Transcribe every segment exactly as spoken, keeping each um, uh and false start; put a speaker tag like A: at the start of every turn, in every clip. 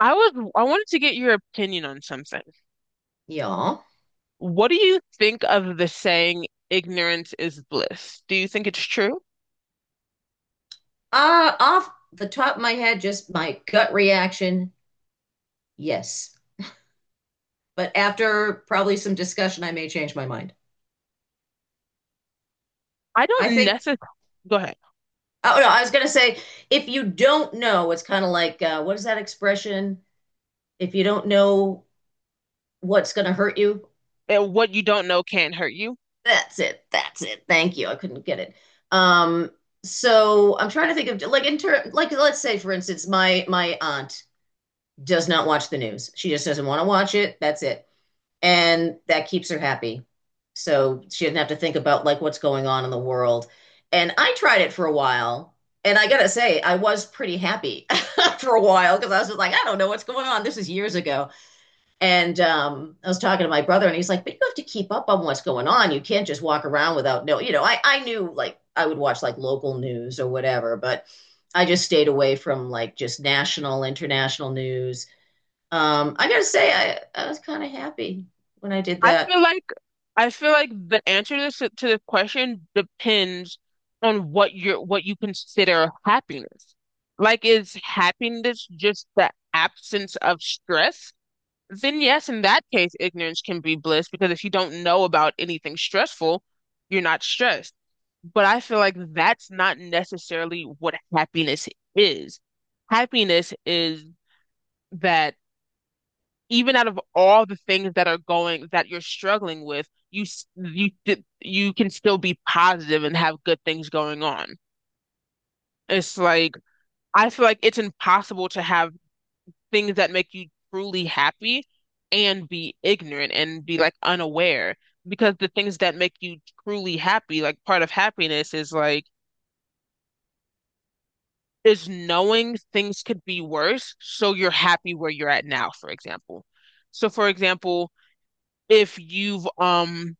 A: I was I wanted to get your opinion on something.
B: Y'all.
A: What do you think of the saying ignorance is bliss? Do you think it's true?
B: Uh, off the top of my head, just my gut reaction, yes. But after probably some discussion, I may change my mind.
A: I
B: I
A: don't
B: think,
A: necessarily go ahead.
B: oh no, I was going to say, if you don't know, it's kind of like, uh, what is that expression? If you don't know what's going to hurt you,
A: And what you don't know can't hurt you.
B: that's it. That's it. Thank you. I couldn't get it. Um, so I'm trying to think of like in ter- like let's say for instance, my my aunt does not watch the news. She just doesn't want to watch it. That's it. And that keeps her happy. So she doesn't have to think about like what's going on in the world. And I tried it for a while, and I gotta say, I was pretty happy for a while because I was just like, I don't know what's going on. This is years ago, and um, I was talking to my brother, and he's like, but you have to keep up on what's going on. You can't just walk around without no. You know, I I knew like I would watch like local news or whatever, but I just stayed away from like just national, international news. um, I gotta say, I, I was kind of happy when I did
A: I feel
B: that.
A: like I feel like the answer to this to the question depends on what you're what you consider happiness. Like is happiness just the absence of stress? Then yes, in that case, ignorance can be bliss because if you don't know about anything stressful, you're not stressed. But I feel like that's not necessarily what happiness is. Happiness is that even out of all the things that are going that you're struggling with, you s- you d- you can still be positive and have good things going on. It's like I feel like it's impossible to have things that make you truly happy and be ignorant and be like unaware because the things that make you truly happy, like part of happiness is like is knowing things could be worse, so you're happy where you're at now, for example. So for example, if you've um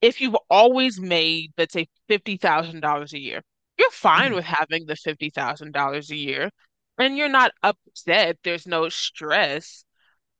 A: if you've always made, let's say, fifty thousand dollars a year, you're fine
B: Mhm.
A: with having the fifty thousand dollars a year and you're not upset. There's no stress.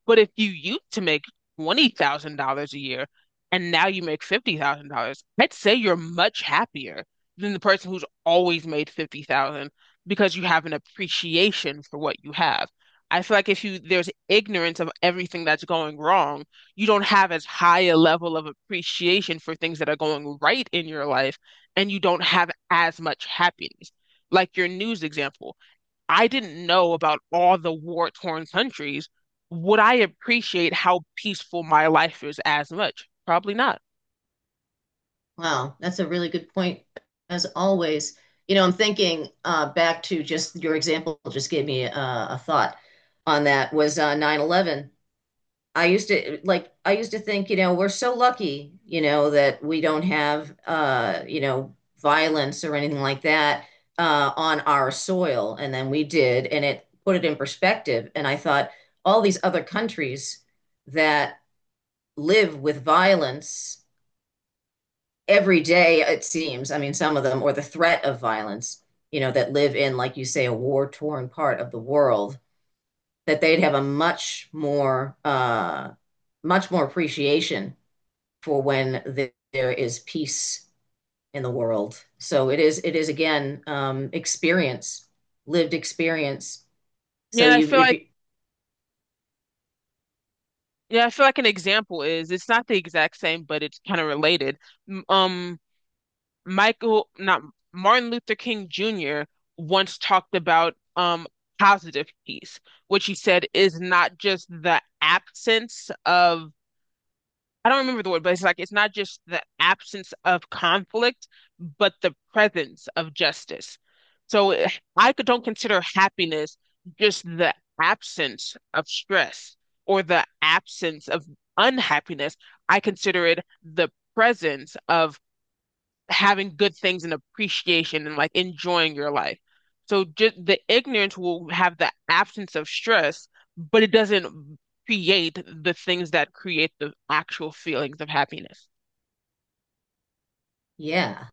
A: But if you used to make twenty thousand dollars a year and now you make fifty thousand dollars I'd say you're much happier than the person who's always made fifty thousand because you have an appreciation for what you have. I feel like if you there's ignorance of everything that's going wrong, you don't have as high a level of appreciation for things that are going right in your life, and you don't have as much happiness. Like your news example, I didn't know about all the war-torn countries, would I appreciate how peaceful my life is as much? Probably not.
B: Wow, that's a really good point, as always. You know, I'm thinking uh, back to just your example, just gave me uh, a thought on that was uh, nine eleven. I used to like, I used to think, you know, we're so lucky, you know, that we don't have, uh, you know, violence or anything like that uh, on our soil. And then we did, and it put it in perspective. And I thought, all these other countries that live with violence every day, it seems. I mean, some of them, or the threat of violence, you know, that live in, like you say, a war-torn part of the world, that they'd have a much more, uh, much more appreciation for when th- there is peace in the world. So it is, it is again, um, experience, lived experience.
A: Yeah,
B: So
A: and I
B: you,
A: feel
B: if
A: like
B: you,
A: yeah, I feel like an example is it's not the exact same, but it's kind of related. M- Um, Michael, not Martin Luther King Junior once talked about um positive peace, which he said is not just the absence of I don't remember the word, but it's like it's not just the absence of conflict, but the presence of justice. So eh, I could- don't consider happiness just the absence of stress or the absence of unhappiness. I consider it the presence of having good things and appreciation and like enjoying your life. So just the ignorance will have the absence of stress, but it doesn't create the things that create the actual feelings of happiness.
B: yeah,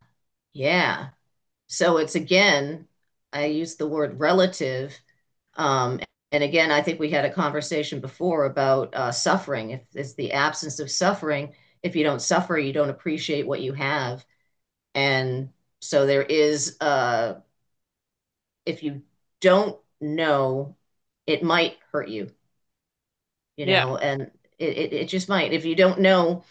B: yeah. So it's again, I use the word relative. Um, and again, I think we had a conversation before about uh, suffering. If it's the absence of suffering, if you don't suffer, you don't appreciate what you have. And so there is, uh, if you don't know, it might hurt you, you
A: Yeah.
B: know, and it, it, it just might. If you don't know,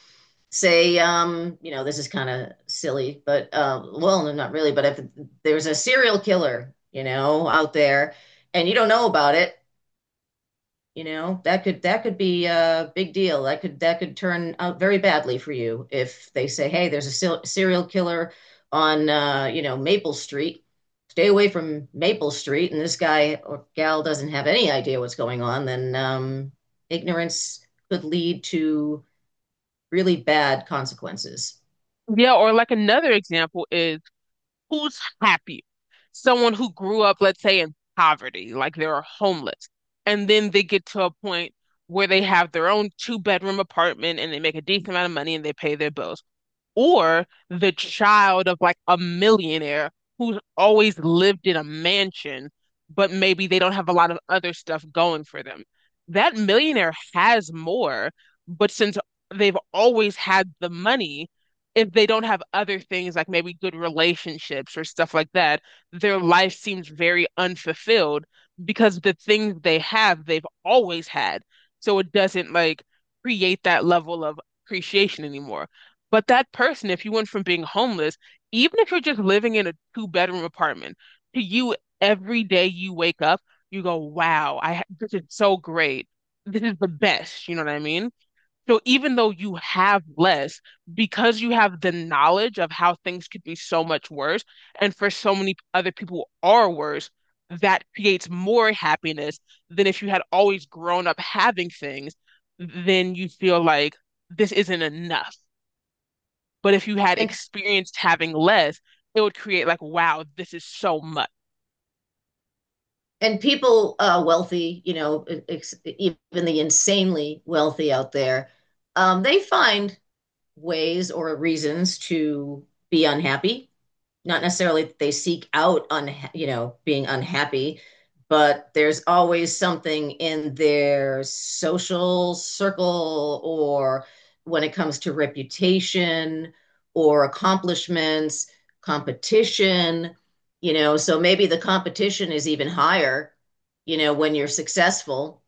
B: say, um, you know, this is kind of silly, but uh, well, no, not really, but if there's a serial killer, you know, out there and you don't know about it, you know, that could that could be a big deal. That could that could turn out very badly for you if they say, "Hey, there's a se- serial killer on uh, you know, Maple Street. Stay away from Maple Street." And this guy or gal doesn't have any idea what's going on, then um, ignorance could lead to really bad consequences.
A: Yeah, or like another example is, who's happy? Someone who grew up, let's say, in poverty, like they're homeless, and then they get to a point where they have their own two bedroom apartment and they make a decent amount of money and they pay their bills, or the child of like a millionaire who's always lived in a mansion, but maybe they don't have a lot of other stuff going for them. That millionaire has more, but since they've always had the money, if they don't have other things like maybe good relationships or stuff like that, their life seems very unfulfilled because the things they have, they've always had. So it doesn't like create that level of appreciation anymore. But that person, if you went from being homeless, even if you're just living in a two bedroom apartment, to you, every day you wake up, you go, wow, I ha- this is so great. This is the best. You know what I mean? So even though you have less, because you have the knowledge of how things could be so much worse, and for so many other people are worse, that creates more happiness than if you had always grown up having things, then you feel like this isn't enough. But if you had
B: And
A: experienced having less, it would create like, wow, this is so much.
B: and people uh, wealthy, you know, e-, ex even the insanely wealthy out there, um, they find ways or reasons to be unhappy. Not necessarily that they seek out unha- you know being unhappy, but there's always something in their social circle or when it comes to reputation or accomplishments, competition, you know, so maybe the competition is even higher, you know, when you're successful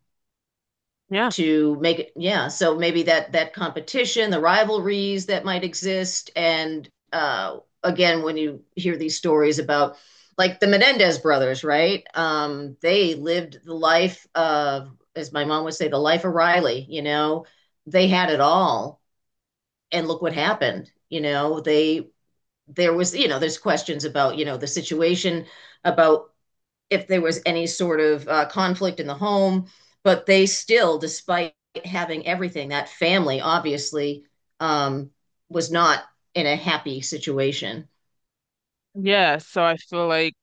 A: Yeah.
B: to make it. Yeah, so maybe that that competition, the rivalries that might exist, and uh, again when you hear these stories about like the Menendez brothers, right? Um they lived the life of, as my mom would say, the life of Riley, you know, they had it all and look what happened. You know, they there was, you know, there's questions about, you know, the situation about if there was any sort of uh, conflict in the home. But they still, despite having everything, that family obviously um, was not in a happy situation.
A: Yeah. So I feel like,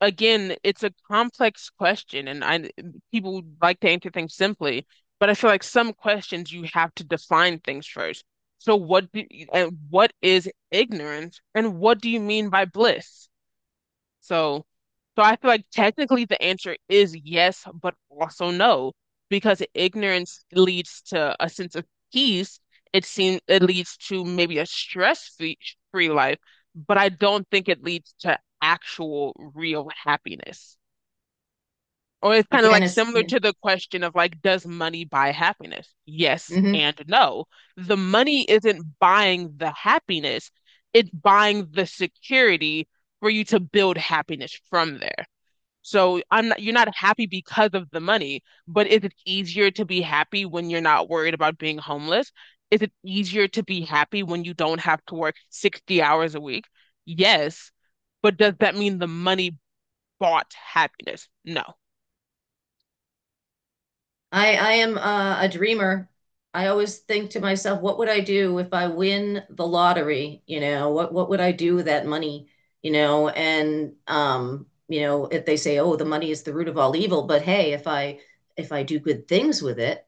A: again, it's a complex question, and I people like to answer things simply, but I feel like some questions you have to define things first. So what do, and what is ignorance and what do you mean by bliss? So, so I feel like technically the answer is yes, but also no, because ignorance leads to a sense of peace. It seems it leads to maybe a stress-free free life, but I don't think it leads to actual real happiness. Or it's kind of
B: Again,
A: like
B: it's
A: similar
B: yeah,
A: to the question of like, does money buy happiness? Yes
B: mhm.
A: and no. The money isn't buying the happiness, it's buying the security for you to build happiness from there. So I'm not, you're not happy because of the money, but is it easier to be happy when you're not worried about being homeless? Is it easier to be happy when you don't have to work sixty hours a week? Yes, but does that mean the money bought happiness? No.
B: I I am uh, a dreamer. I always think to myself, what would I do if I win the lottery? You know, what what would I do with that money? You know, and um, you know, if they say, oh, the money is the root of all evil, but hey, if I if I do good things with it,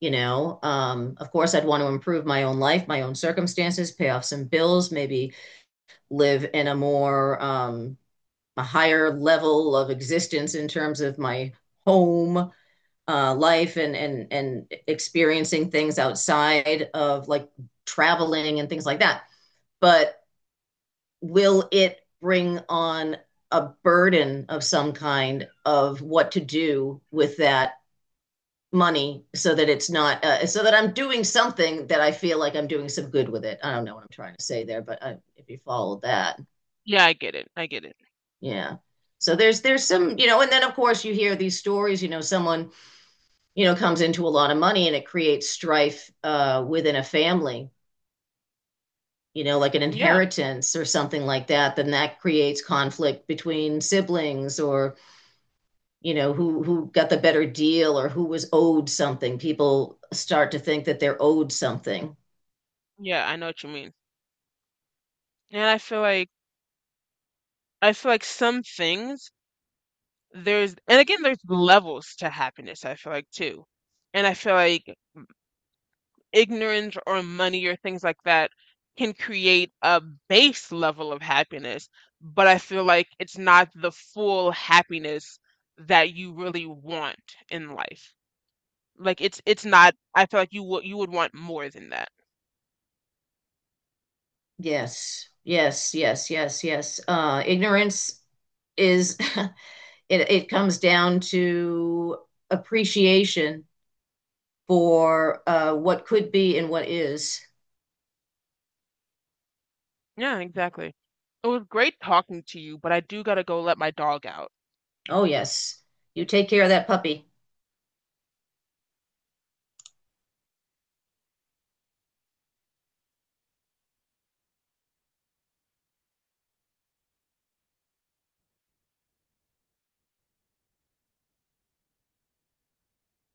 B: you know, um, of course, I'd want to improve my own life, my own circumstances, pay off some bills, maybe live in a more um, a higher level of existence in terms of my home uh, life and and and experiencing things outside of like traveling and things like that. But will it bring on a burden of some kind of what to do with that money so that it's not, uh, so that I'm doing something that I feel like I'm doing some good with it. I don't know what I'm trying to say there, but uh, if you followed that,
A: Yeah, I get it. I get it.
B: yeah. So there's there's some, you know, and then of course you hear these stories, you know, someone, you know, comes into a lot of money and it creates strife uh, within a family, you know, like an
A: Yeah.
B: inheritance or something like that, then that creates conflict between siblings, or, you know, who who got the better deal or who was owed something. People start to think that they're owed something.
A: Yeah, I know what you mean. And I feel like I feel like some things there's and again there's levels to happiness, I feel like too. And I feel like ignorance or money or things like that can create a base level of happiness, but I feel like it's not the full happiness that you really want in life. Like it's it's not, I feel like you would you would want more than that.
B: Yes, yes, yes, yes, yes. Uh, ignorance is it, it comes down to appreciation for uh, what could be and what is.
A: Yeah, exactly. It was great talking to you, but I do gotta go let my dog out.
B: Oh, yes. You take care of that puppy.